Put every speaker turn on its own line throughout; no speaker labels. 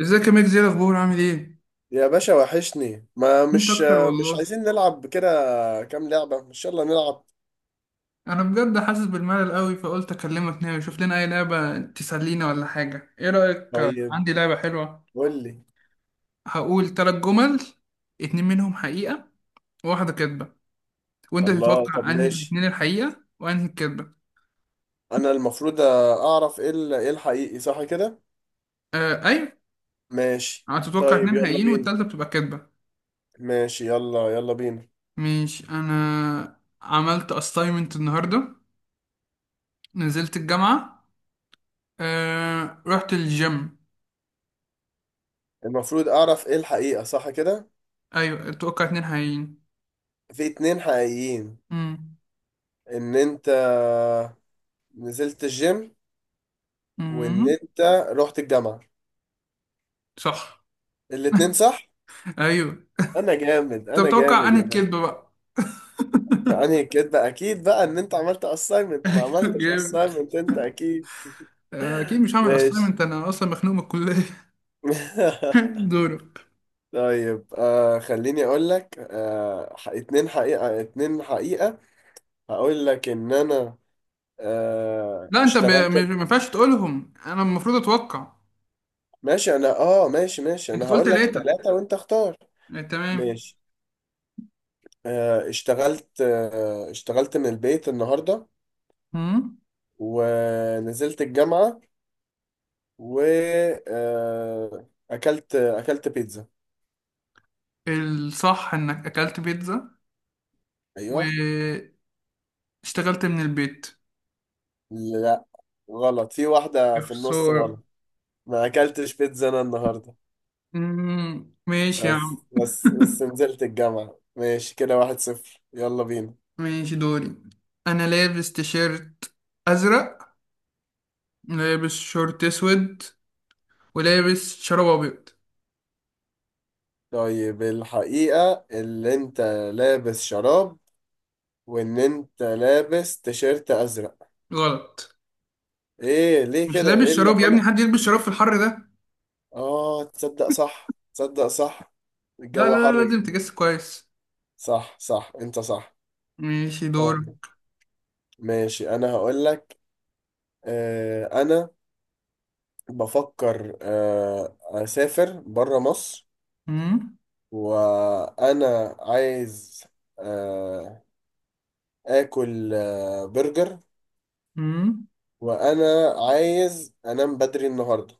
ازيك يا ميكس؟ ايه الاخبار؟ عامل ايه؟
يا باشا، وحشني. ما
انت
مش
اكتر
مش
والله.
عايزين نلعب كده. كام لعبة. مش يلا نلعب.
انا بجد حاسس بالملل قوي، فقلت اكلمك نعمل شوف لنا اي لعبه تسلينا ولا حاجه. ايه رايك؟
طيب،
عندي لعبه حلوه.
قول لي.
هقول ثلاث جمل، اتنين منهم حقيقه وواحده كدبه، وانت
الله، طب
تتوقع انهي
ماشي.
الاتنين الحقيقه وانهي الكدبه.
انا المفروض اعرف ايه ايه الحقيقي، صح كده؟
آه، ايوه.
ماشي.
هتتوقع
طيب
اتنين
يلا
حقيقيين
بينا.
والتالتة بتبقى كدبه.
ماشي، يلا يلا بينا.
مش انا عملت assignment النهارده، نزلت الجامعه، رحت الجيم.
المفروض اعرف ايه الحقيقة، صح كده؟
ايوه، اتوقع اتنين حقيقيين.
في اتنين حقيقيين،
مم.
ان انت نزلت الجيم، وان
امم.
انت رحت الجامعة.
صح.
الاتنين صح.
ايوه.
انا جامد،
طب،
انا
توقع
جامد
انهي
يا باشا.
الكذبه بقى.
يعني كده اكيد بقى ان انت عملت assignment، ما
ايوه،
عملتش
جامد.
assignment انت اكيد.
اكيد مش هعمل
ماشي.
اسايمنت، انا اصلا مخنوق من الكليه. دورك.
طيب، خليني اقول لك. اتنين حقيقة، اتنين حقيقة. هقول لك ان انا
لا، انت
اشتغلت.
ما ينفعش تقولهم، انا المفروض اتوقع.
ماشي انا. اه ماشي، ماشي.
انت
انا
قلت
هقول لك
ثلاثه.
ثلاثة وانت اختار.
تمام.
ماشي. اشتغلت من البيت النهاردة.
امم.
ونزلت الجامعة. و اكلت بيتزا.
الصح انك اكلت بيتزا، واشتغلت من البيت.
ايوه. غلط في واحدة،
يا
في النص غلط.
خسارة.
ما أكلتش بيتزا أنا النهاردة.
ماشي يا عم.
بس، بس نزلت الجامعة. ماشي كده، 1-0، يلا بينا.
ماشي، دوري. انا لابس تيشيرت ازرق، لابس شورت اسود، ولابس شراب ابيض.
طيب، الحقيقة اللي أنت لابس شراب، وإن أنت لابس تيشيرت أزرق.
غلط.
إيه، ليه
مش
كده؟
لابس
إيه اللي
شراب يا ابني،
غلط؟
حد يلبس شراب في الحر ده؟
تصدق صح، تصدق صح.
لا لا
الجو
لا،
حر
لازم
جدا.
تجس كويس.
صح صح، أنت صح.
ماشي، دور.
طيب ماشي، أنا هقول لك. أنا بفكر أسافر برا مصر.
مم.
وانا عايز آه، اكل برجر.
مم.
وانا عايز انام بدري النهارده.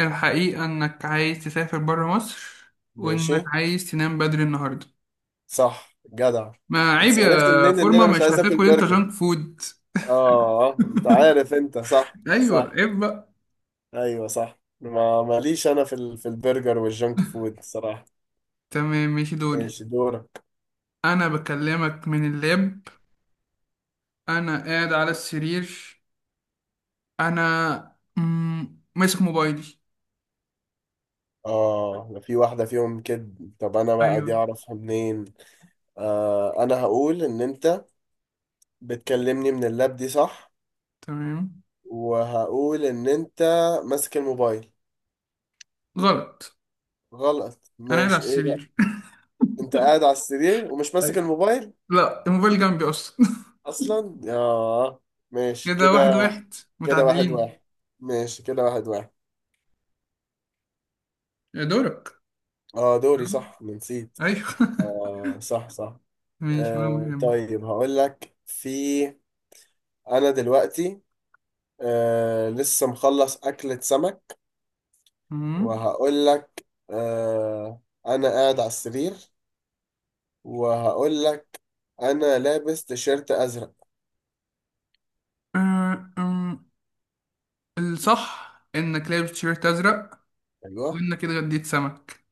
الحقيقة انك عايز تسافر برا مصر،
ماشي.
وانك عايز تنام بدري النهاردة.
صح جدع.
ما عيب
انت عرفت
يا
منين ان
فورما،
انا مش
مش
عايز اكل
هتاكل انت
برجر؟
جانك فود؟
اه انت عارف، انت صح،
ايوه،
صح.
عيب بقى.
ايوه صح. ما ماليش انا في في البرجر والجنك فود، صراحه.
تمام، ماشي، دوري.
ماشي دورك.
انا بكلمك من اللاب، انا قاعد على السرير، انا ماسك موبايلي.
اه ده في واحده فيهم كده. طب انا بقى
ايوه.
دي اعرفها منين؟ انا هقول ان انت بتكلمني من اللاب، دي صح.
تمام.
وهقول ان انت ماسك الموبايل.
غلط.
غلط؟
انا قاعد على
ماشي، ايه بقى؟
السرير.
انت قاعد على السرير ومش ماسك
أيوة.
الموبايل.
لا، الموبايل جنبي اصلا.
اصلا، ياه. ماشي
كده واحد
كده،
واحد
كده واحد
متعادلين.
واحد. ماشي كده، 1-1.
يا دورك.
اه دوري، صح، أنا نسيت.
ايوه.
اه صح، صح.
ماشي، ولا مهم.
طيب هقول لك. في انا دلوقتي لسه مخلص اكلة سمك.
أمم.
وهقول لك انا قاعد على السرير. وهقول لك انا لابس تيشيرت ازرق.
أه، أم. الصح انك لابس تيشيرت ازرق،
ايوه.
وانك كده غديت سمك.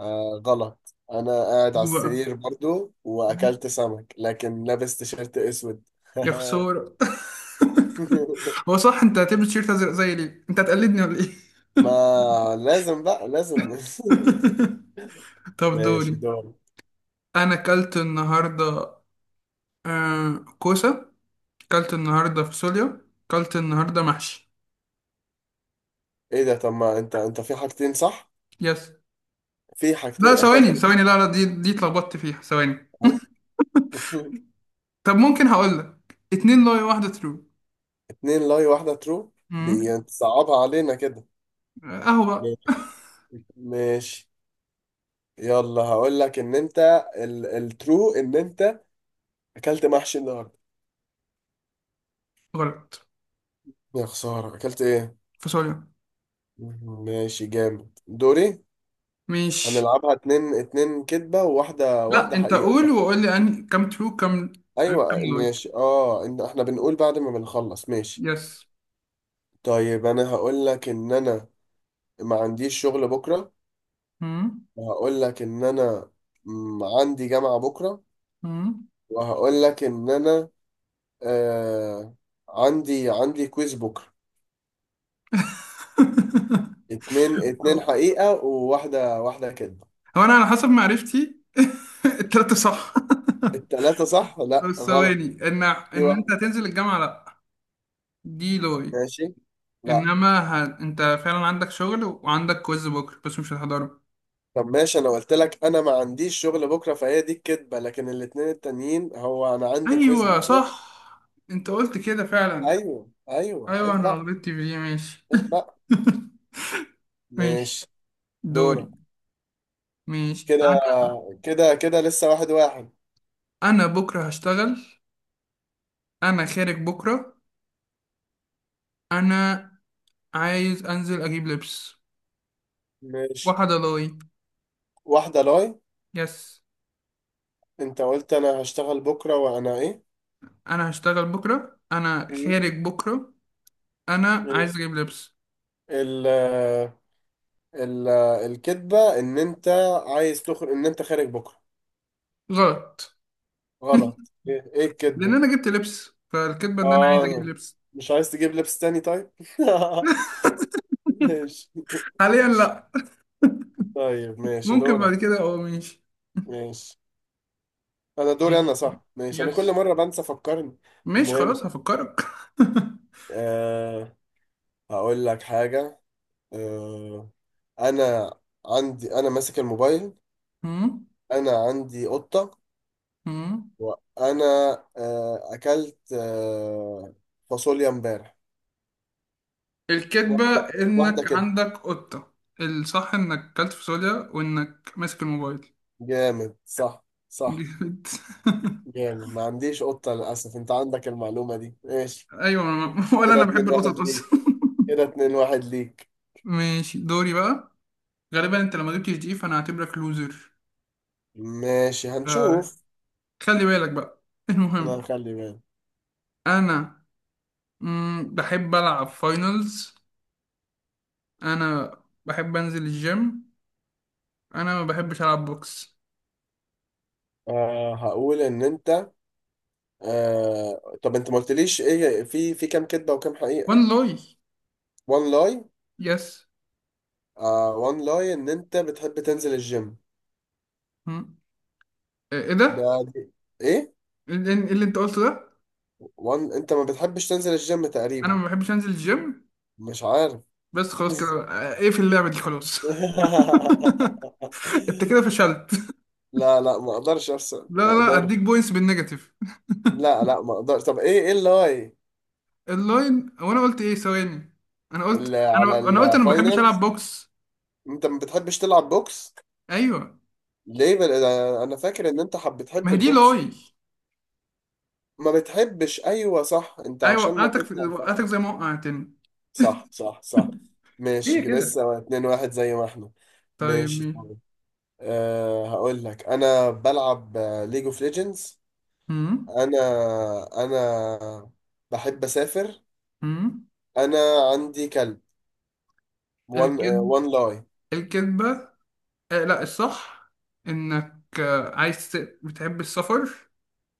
آه غلط. انا قاعد على
دي بقى.
السرير برضو، واكلت سمك، لكن لابس تيشيرت اسود.
يا خسارة. هو صح انت هتلبس تيشيرت ازرق زي ليه؟ انت هتقلدني ولا ايه؟
ما لازم بقى، لازم.
طب،
ماشي
دوري.
دور.
انا اكلت النهارده كوسه، اكلت النهارده فاصوليا، اكلت النهارده محشي.
ايه ده؟ طب ما انت في حاجتين صح.
يس.
في حاجتين
لا، ثواني
اكلت.
ثواني، لا لا، دي اتلخبطت فيها، ثواني.
اهو.
طب ممكن هقول لك اتنين لاي واحدة ترو.
اتنين لاي، واحدة ترو. دي
امم.
انت صعبها علينا كده.
اهو بقى.
ماشي. ماشي، يلا. هقول لك ان انت، الترو ان انت اكلت محشي النهارده.
غلط.
يا خسارة، اكلت ايه؟
فاصوليا.
ماشي، جامد، دوري.
مش.
هنلعبها اتنين اتنين كدبة، وواحدة
لا،
واحدة
انت
حقيقة، صح؟
قول وقول لي أنهي كام ترو كام. كام
ايوه
لاي؟
ماشي. اه ان احنا بنقول بعد ما بنخلص، ماشي.
يس.
طيب انا هقول لك ان انا ما عنديش شغل بكرة.
امم.
وهقول لك ان انا عندي جامعة بكرة.
امم.
وهقول لك ان انا آه عندي كويز بكرة. اتنين اتنين
هو
حقيقة، وواحدة واحدة كدبة.
هو انا على حسب معرفتي. التلاتة صح.
التلاتة صح؟ لا
بس
غلط.
ثواني، ان
في
ان انت
واحدة.
هتنزل الجامعة، لا. دي لاي.
ماشي. لا.
انما انت فعلا عندك شغل وعندك كويز بكره، بس مش هتحضره.
طب ماشي، انا قلت لك انا ما عنديش شغل بكره، فهي دي الكدبه، لكن الاتنين التانيين، هو انا عندي كويز
ايوه،
بكره.
صح، انت قلت كده فعلا.
ايوه ايوه،
ايوه،
عيب
انا
بقى.
غلطت فيه، ماشي.
عيب بقى.
ماشي،
ماشي دورك.
دوري. ماشي، انا
كده، كده لسه واحد واحد.
انا بكره هشتغل، انا خارج بكره. انا عايز انزل اجيب لبس.
ماشي،
واحدة لاي.
واحده لاي.
يس.
انت قلت انا هشتغل بكره وانا ايه؟
انا هشتغل بكره، انا
مم.
خارج بكره، انا عايز
ماشي.
اجيب لبس.
ال ال الكدبه ان انت عايز تخرج، ان انت خارج بكره.
غلط.
غلط؟ ايه، إيه
لان
الكدبه؟
انا جبت لبس، فالكذبة ان انا عايز اجيب
اه،
لبس.
مش عايز تجيب لبس تاني، طيب. ماشي.
حاليا لا.
طيب ماشي
ممكن بعد
دورك.
كده، ماشي.
ماشي انا، دوري انا، صح. ماشي، انا
يس.
كل مره بنسى، فكرني.
ماشي،
المهم،
خلاص، هفكرك.
أه هقول لك حاجه. أه انا انا ماسك الموبايل.
مم.
انا عندي قطه.
مم.
وانا اكلت فاصوليا امبارح.
الكذبة
واحده. واحده
انك
كده.
عندك قطة. الصح انك كلت فاصوليا، وانك ماسك الموبايل.
جامد، صح، صح.
جامد.
جامد. ما عنديش قطه للاسف، انت عندك المعلومه دي، ماشي.
ايوه، ولا
كده
انا بحب
اتنين
القطط
واحد
اصلا.
ليك كده 2-1.
ماشي، دوري بقى. غالبا انت لما جبتش دي، فانا هعتبرك لوزر.
ماشي، هنشوف.
خلي بالك بقى.
انا
المهم،
هخلي بالي.
انا بحب العب فاينلز. انا بحب انزل الجيم. انا ما بحبش العب بوكس.
هقول ان انت، طب انت ما قلتليش ايه، في كام كدبه وكام حقيقه.
وان لوي.
وان لاي.
يس.
وان لاي ان انت بتحب تنزل الجيم.
مم. ايه
ده،
ده؟
دي. ايه.
اللي انت قلته ده.
وان انت ما بتحبش تنزل الجيم،
انا
تقريبا.
ما بحبش انزل الجيم.
مش عارف.
بس خلاص كده، ايه في اللعبه دي؟ خلاص. انت كده فشلت.
لا لا، ما اقدرش ارسم،
لا
ما
لا لا، اديك
اقدرش.
بوينتس بالنيجاتيف.
لا لا، ما اقدرش. طب ايه اللاي؟
اللاين هو انا قلت ايه؟ ثواني. انا قلت
اللي على
انا قلت انا ما بحبش العب
الفاينلز،
بوكس.
انت ما بتحبش تلعب بوكس.
ايوه،
ليه بل... آه، انا فاكر ان انت
ما
بتحب
هي دي
البوكس.
لاي.
ما بتحبش، ايوه صح. انت
ايوه،
عشان ناكلها
وقعتك زي ما وقعتني.
صح صح صح.
هي
ماشي،
كده.
لسه 2-1 زي ما احنا.
طيب،
ماشي.
مين؟
طيب، هقول لك انا بلعب ليج اوف ليجندز.
امم.
انا انا بحب اسافر.
امم.
انا عندي كلب. وان
الكذب.
وان لاي.
الكذبه. آه، لا، الصح انك بتحب السفر.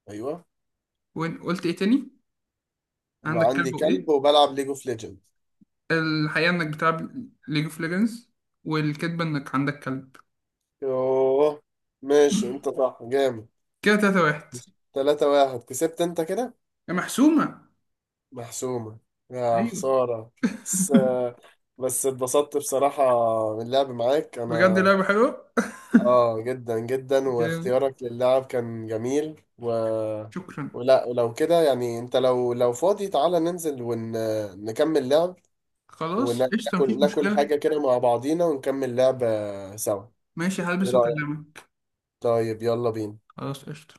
ايوه.
وين قلت ايه تاني؟ عندك كلب
وعندي كلب،
وايه؟
وبلعب ليج اوف ليجندز.
الحقيقة إنك بتلعب ليج اوف ليجندز، والكذبة إنك عندك كلب.
يوه. ماشي، انت صح، جامد.
كده 3-1.
3-1، كسبت انت كده.
يا محسومة.
محسومة. يا
أيوه.
خسارة. بس بس اتبسطت بصراحة من اللعب معاك
بجد
أنا.
لعبة حلوة.
جدا جدا،
جامد.
واختيارك للعب كان جميل،
شكرا.
ولو كده يعني، أنت لو فاضي تعالى ننزل ونكمل لعب.
خلاص، قشطة، مفيش
وناكل، ناكل
مشكلة.
حاجة كده مع بعضينا، ونكمل لعب سوا.
ماشي،
إيه
هلبس
رأيك؟
وأكلمك.
طيب يلا بينا.
خلاص، قشطة.